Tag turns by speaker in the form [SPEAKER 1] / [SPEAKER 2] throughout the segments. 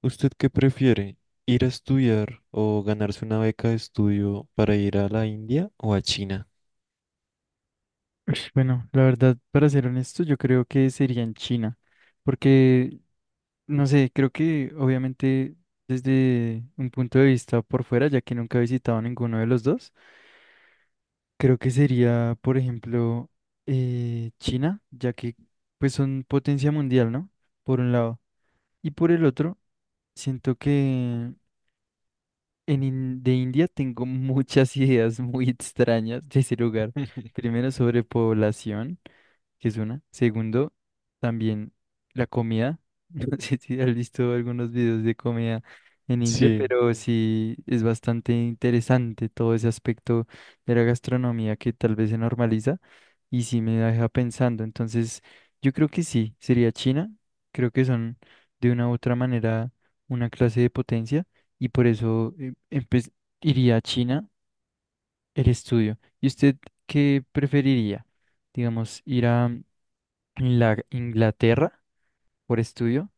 [SPEAKER 1] ¿Usted qué prefiere? ¿Ir a estudiar o ganarse una beca de estudio para ir a la India o a China?
[SPEAKER 2] Ush, bueno, la verdad, para ser honesto, yo creo que sería en China, porque, no sé, creo que obviamente desde un punto de vista por fuera, ya que nunca he visitado ninguno de los dos, creo que sería, por ejemplo, China, ya que pues son potencia mundial, ¿no? Por un lado. Y por el otro, siento que de India tengo muchas ideas muy extrañas de ese lugar. Primero, sobre población, que es una. Segundo, también la comida. No sé si has visto algunos videos de comida en India,
[SPEAKER 1] Sí,
[SPEAKER 2] pero sí es bastante interesante todo ese aspecto de la gastronomía que tal vez se normaliza y sí me deja pensando. Entonces, yo creo que sí, sería China. Creo que son de una u otra manera una clase de potencia y por eso iría a China el estudio. ¿Y usted qué preferiría? Digamos, ir a Inglaterra por estudio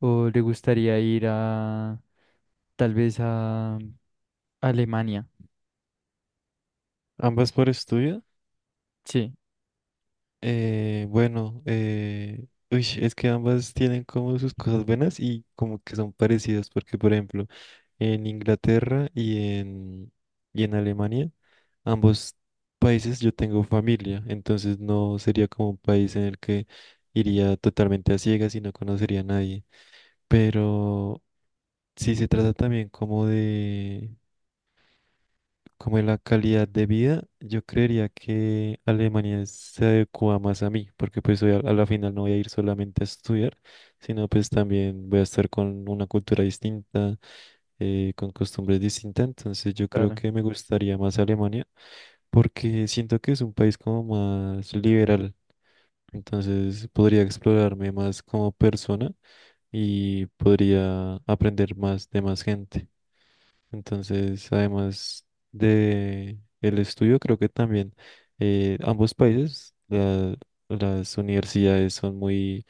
[SPEAKER 2] o le gustaría ir a tal vez a Alemania?
[SPEAKER 1] ambas por estudio.
[SPEAKER 2] Sí,
[SPEAKER 1] Bueno, Uy, es que ambas tienen como sus cosas buenas y como que son parecidas, porque por ejemplo, en Inglaterra y en Alemania, ambos países yo tengo familia, entonces no sería como un país en el que iría totalmente a ciegas y no conocería a nadie. Pero si se trata también como de la calidad de vida, yo creería que Alemania se adecua más a mí, porque pues a la final no voy a ir solamente a estudiar, sino pues también voy a estar con una cultura distinta, con costumbres distintas, entonces yo creo
[SPEAKER 2] claro,
[SPEAKER 1] que me gustaría más Alemania, porque siento que es un país como más liberal, entonces podría explorarme más como persona y podría aprender más de más gente. Entonces, además de el estudio, creo que también ambos países, las universidades son muy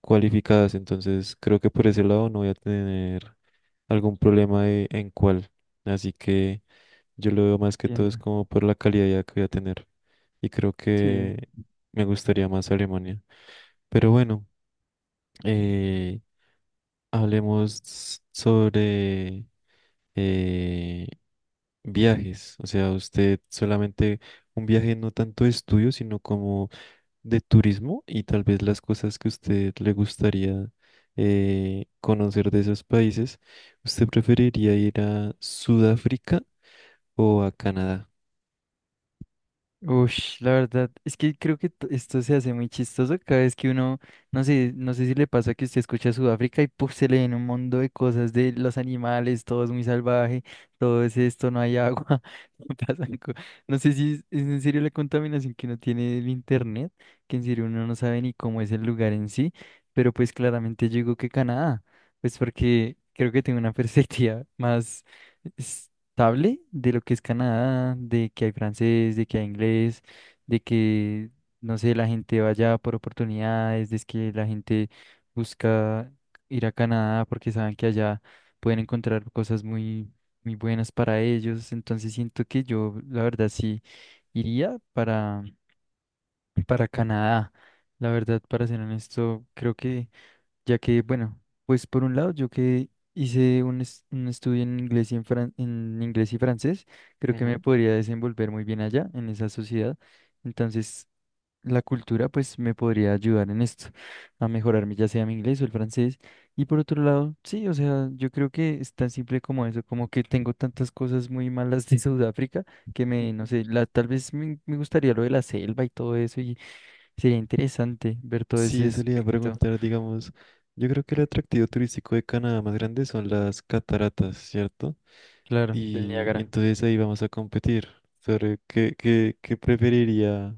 [SPEAKER 1] cualificadas, entonces creo que por ese lado no voy a tener algún en cuál. Así que yo lo veo más que todo es
[SPEAKER 2] entiendo.
[SPEAKER 1] como por la calidad que voy a tener. Y creo
[SPEAKER 2] Sí.
[SPEAKER 1] que me gustaría más Alemania. Pero bueno, eh, hablemos sobre eh, viajes, o sea, usted solamente un viaje no tanto de estudio, sino como de turismo y tal vez las cosas que usted le gustaría conocer de esos países. ¿Usted preferiría ir a Sudáfrica o a Canadá?
[SPEAKER 2] Ush, la verdad, es que creo que esto se hace muy chistoso cada vez que uno, no sé, no sé si le pasa que usted escucha Sudáfrica y puf, se le viene un mundo de cosas de los animales, todo es muy salvaje, todo es esto, no hay agua, pasan co- no sé si es en serio la contaminación que uno tiene del internet, que en serio uno no sabe ni cómo es el lugar en sí, pero pues claramente yo digo que Canadá, pues porque creo que tengo una perspectiva más estable de lo que es Canadá, de que hay francés, de que hay inglés, de que, no sé, la gente vaya por oportunidades, de que la gente busca ir a Canadá porque saben que allá pueden encontrar cosas muy, muy buenas para ellos. Entonces siento que yo, la verdad, sí iría para Canadá. La verdad, para ser honesto, creo que ya que, bueno, pues por un lado, yo que hice un estudio en inglés y en inglés y francés, creo que me
[SPEAKER 1] Ujú.
[SPEAKER 2] podría desenvolver muy bien allá, en esa sociedad. Entonces, la cultura, pues, me podría ayudar en esto, a mejorarme, ya sea mi inglés o el francés. Y por otro lado, sí, o sea, yo creo que es tan simple como eso, como que tengo tantas cosas muy malas de Sudáfrica que me, no sé, la, tal vez me gustaría lo de la selva y todo eso, y sería interesante ver todo
[SPEAKER 1] Sí,
[SPEAKER 2] ese
[SPEAKER 1] eso le iba a
[SPEAKER 2] aspecto,
[SPEAKER 1] preguntar, digamos, yo creo que el atractivo turístico de Canadá más grande son las cataratas, ¿cierto?
[SPEAKER 2] claro, del
[SPEAKER 1] Y
[SPEAKER 2] Niágara.
[SPEAKER 1] entonces ahí vamos a competir sobre qué preferiría,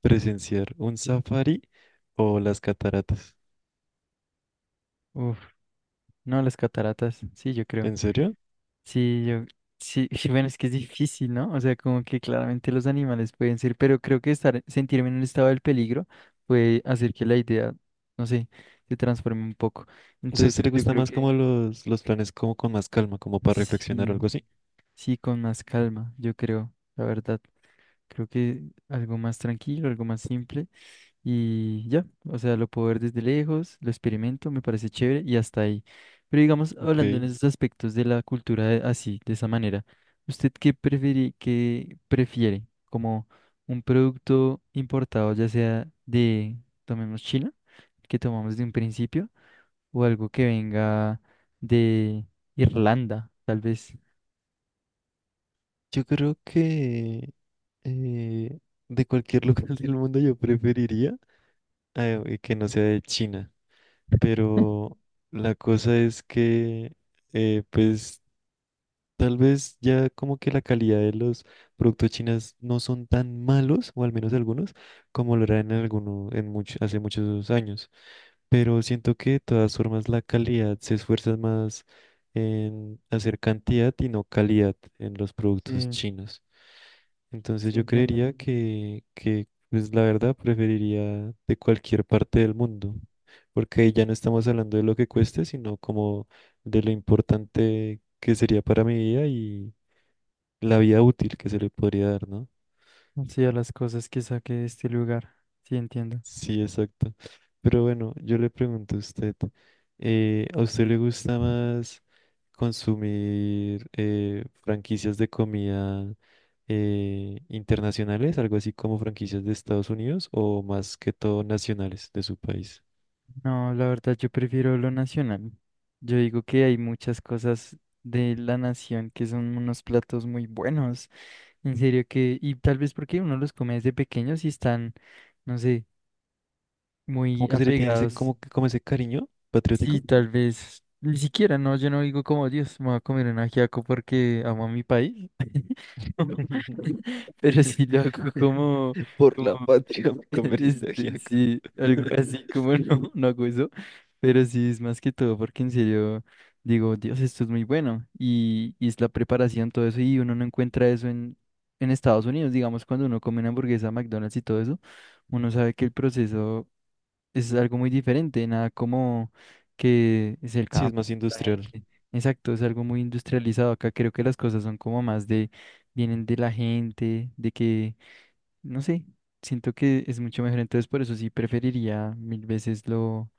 [SPEAKER 1] presenciar un safari o las cataratas.
[SPEAKER 2] Uf, no, las cataratas, sí, yo creo.
[SPEAKER 1] ¿En serio?
[SPEAKER 2] Sí, yo, sí, sí, bueno, es que es difícil, ¿no? O sea, como que claramente los animales pueden ser, pero creo que estar, sentirme en un estado del peligro puede hacer que la idea, no sé, se transforme un poco.
[SPEAKER 1] O sea, ¿a
[SPEAKER 2] Entonces,
[SPEAKER 1] usted
[SPEAKER 2] pues,
[SPEAKER 1] le
[SPEAKER 2] yo
[SPEAKER 1] gusta
[SPEAKER 2] creo
[SPEAKER 1] más como
[SPEAKER 2] que
[SPEAKER 1] los planes como con más calma, como para reflexionar o algo
[SPEAKER 2] sí,
[SPEAKER 1] así?
[SPEAKER 2] sí, con más calma, yo creo, la verdad. Creo que algo más tranquilo, algo más simple. Y ya, o sea, lo puedo ver desde lejos, lo experimento, me parece chévere y hasta ahí. Pero digamos,
[SPEAKER 1] Ok.
[SPEAKER 2] hablando en esos aspectos de la cultura así, de esa manera, ¿usted qué prefiere, qué prefiere? ¿Como un producto importado, ya sea de, tomemos China, que tomamos de un principio, o algo que venga de Irlanda, tal vez?
[SPEAKER 1] Yo creo que eh, de cualquier lugar del mundo yo preferiría, que no sea de China. Pero la cosa es que, eh, pues, tal vez ya como que la calidad de los productos chinos no son tan malos, o al menos algunos, como lo eran en alguno, en mucho, hace muchos años. Pero siento que de todas formas la calidad se esfuerza más en hacer cantidad y no calidad en los productos
[SPEAKER 2] Sí,
[SPEAKER 1] chinos. Entonces
[SPEAKER 2] sí
[SPEAKER 1] yo
[SPEAKER 2] entiendo.
[SPEAKER 1] creería que pues la verdad preferiría de cualquier parte del mundo, porque ahí ya no estamos hablando de lo que cueste, sino como de lo importante que sería para mi vida y la vida útil que se le podría dar, ¿no?
[SPEAKER 2] Sí, a las cosas que saque de este lugar, sí entiendo.
[SPEAKER 1] Sí, exacto. Pero bueno, yo le pregunto ¿a usted le gusta más consumir franquicias de comida internacionales, algo así como franquicias de Estados Unidos, o más que todo nacionales de su país?
[SPEAKER 2] No, la verdad yo prefiero lo nacional. Yo digo que hay muchas cosas de la nación que son unos platos muy buenos. En serio que, y tal vez porque uno los come desde pequeños y están, no sé,
[SPEAKER 1] ¿Cómo
[SPEAKER 2] muy
[SPEAKER 1] que se le tiene ese,
[SPEAKER 2] apegados.
[SPEAKER 1] como, como ese cariño
[SPEAKER 2] Sí,
[SPEAKER 1] patriótico?
[SPEAKER 2] tal vez. Ni siquiera, no, yo no digo como Dios, me voy a comer un ajiaco porque amo a mi país. Pero sí lo hago como,
[SPEAKER 1] Por la
[SPEAKER 2] como
[SPEAKER 1] patria me convertiste
[SPEAKER 2] este,
[SPEAKER 1] ajiaco.
[SPEAKER 2] sí, algo así como no, no hago eso, pero sí es más que todo porque en serio digo, Dios, esto es muy bueno y es la preparación, todo eso, y uno no encuentra eso en Estados Unidos, digamos, cuando uno come una hamburguesa, McDonald's y todo eso, uno sabe que el proceso es algo muy diferente, nada como que es el
[SPEAKER 1] Sí, es
[SPEAKER 2] campo,
[SPEAKER 1] más
[SPEAKER 2] la
[SPEAKER 1] industrial.
[SPEAKER 2] gente. Exacto, es algo muy industrializado. Acá creo que las cosas son como más de, vienen de la gente, de que no sé, siento que es mucho mejor, entonces por eso sí preferiría mil veces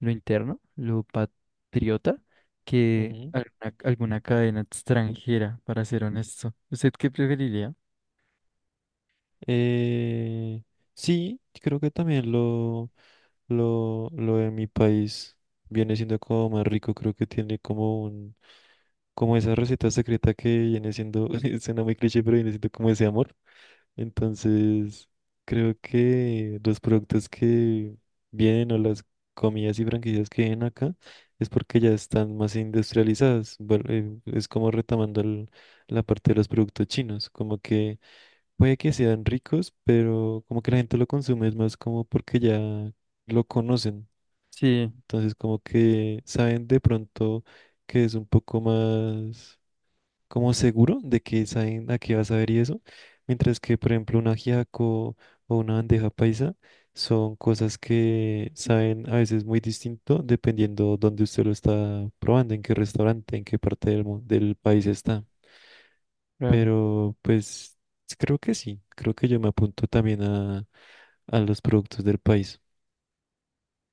[SPEAKER 2] lo interno, lo patriota, que
[SPEAKER 1] Ujú.
[SPEAKER 2] alguna, alguna cadena extranjera, para ser honesto. ¿Usted qué preferiría?
[SPEAKER 1] Eh, sí, creo que también lo... lo de mi país viene siendo como más rico, creo que tiene como esa receta secreta que viene siendo, suena muy cliché, pero viene siendo como ese amor. Entonces, creo que los productos que vienen o las comidas y franquicias que vienen acá es porque ya están más industrializadas. Bueno, es como retomando la parte de los productos chinos, como que puede que sean ricos, pero como que la gente lo consume es más como porque ya lo conocen.
[SPEAKER 2] Sí,
[SPEAKER 1] Entonces, como que saben de pronto que es un poco más como seguro de que saben a qué vas a ver y eso. Mientras que, por ejemplo, un ajiaco o una bandeja paisa son cosas que saben a veces muy distinto dependiendo dónde usted lo está probando, en qué restaurante, en qué parte del país está.
[SPEAKER 2] claro.
[SPEAKER 1] Pero pues creo que sí, creo que yo me apunto también a los productos del país.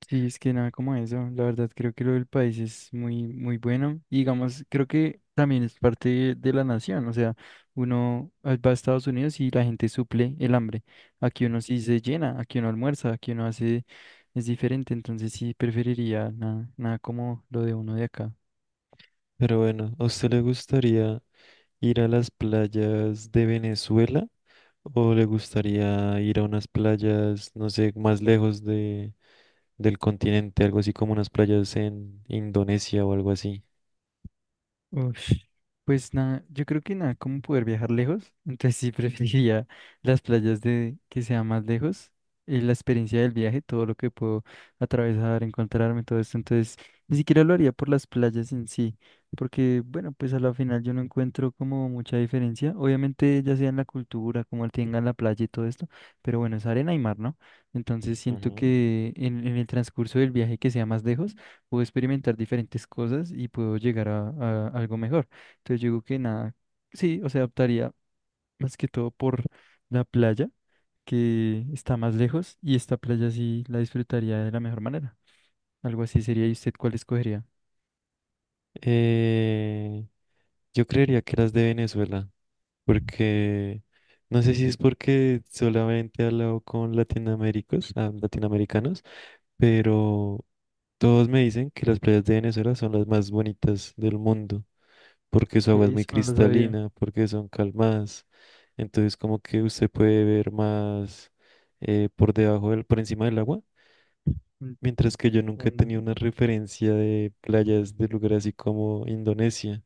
[SPEAKER 2] Sí, es que nada como eso. La verdad, creo que lo del país es muy, muy bueno. Y digamos, creo que también es parte de la nación. O sea, va a Estados Unidos y la gente suple el hambre. Aquí uno sí se llena, aquí uno almuerza, aquí uno hace, es diferente. Entonces sí preferiría nada, nada como lo de uno de acá.
[SPEAKER 1] Pero bueno, ¿a usted le gustaría ir a las playas de Venezuela o le gustaría ir a unas playas, no sé, más lejos del continente, algo así como unas playas en Indonesia o algo así?
[SPEAKER 2] Uf, pues nada, yo creo que nada, como poder viajar lejos, entonces sí preferiría las playas de que sea más lejos, la experiencia del viaje, todo lo que puedo atravesar, encontrarme, todo esto, entonces ni siquiera lo haría por las playas en sí, porque bueno, pues a la final yo no encuentro como mucha diferencia, obviamente ya sea en la cultura, como tengan la playa y todo esto, pero bueno, es arena y mar, ¿no? Entonces siento
[SPEAKER 1] Ujú.
[SPEAKER 2] que en el transcurso del viaje que sea más lejos, puedo experimentar diferentes cosas y puedo llegar a algo mejor. Entonces yo digo que nada, sí, o sea, optaría más que todo por la playa, que está más lejos, y esta playa sí la disfrutaría de la mejor manera. Algo así sería, ¿y usted cuál escogería?
[SPEAKER 1] Eh, yo creería que las de Venezuela, porque no sé si es porque solamente he hablado con latinoamericanos, pero todos me dicen que las playas de Venezuela son las más bonitas del mundo, porque su agua es
[SPEAKER 2] Que
[SPEAKER 1] muy
[SPEAKER 2] eso no lo sabía.
[SPEAKER 1] cristalina, porque son calmadas. Entonces como que usted puede ver más por encima del agua. Mientras que yo nunca he
[SPEAKER 2] Entiendo.
[SPEAKER 1] tenido una referencia de playas de lugares así como Indonesia.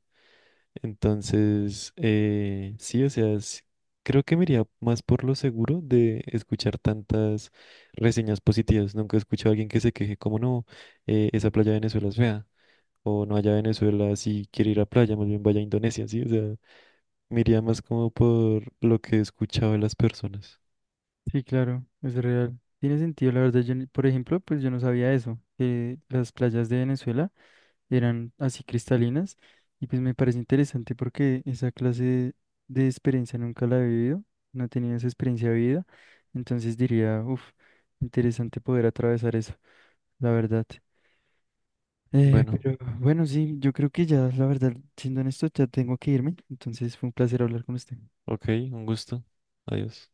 [SPEAKER 1] Entonces, creo que me iría más por lo seguro de escuchar tantas reseñas positivas. Nunca he escuchado a alguien que se queje como no, esa playa de Venezuela es fea. O no allá a Venezuela, si quiere ir a playa, más bien vaya a Indonesia, sí, o sea. Me iría más como por lo que he escuchado de las personas.
[SPEAKER 2] Sí, claro, es real. Tiene sentido, la verdad, yo, por ejemplo, pues yo no sabía eso, que las playas de Venezuela eran así cristalinas y pues me parece interesante porque esa clase de experiencia nunca la he vivido, no he tenido esa experiencia de vida, entonces diría, uff, interesante poder atravesar eso, la verdad.
[SPEAKER 1] Bueno,
[SPEAKER 2] Pero bueno, sí, yo creo que ya, la verdad, siendo honesto, ya tengo que irme, entonces fue un placer hablar con usted.
[SPEAKER 1] ok, un gusto. Adiós.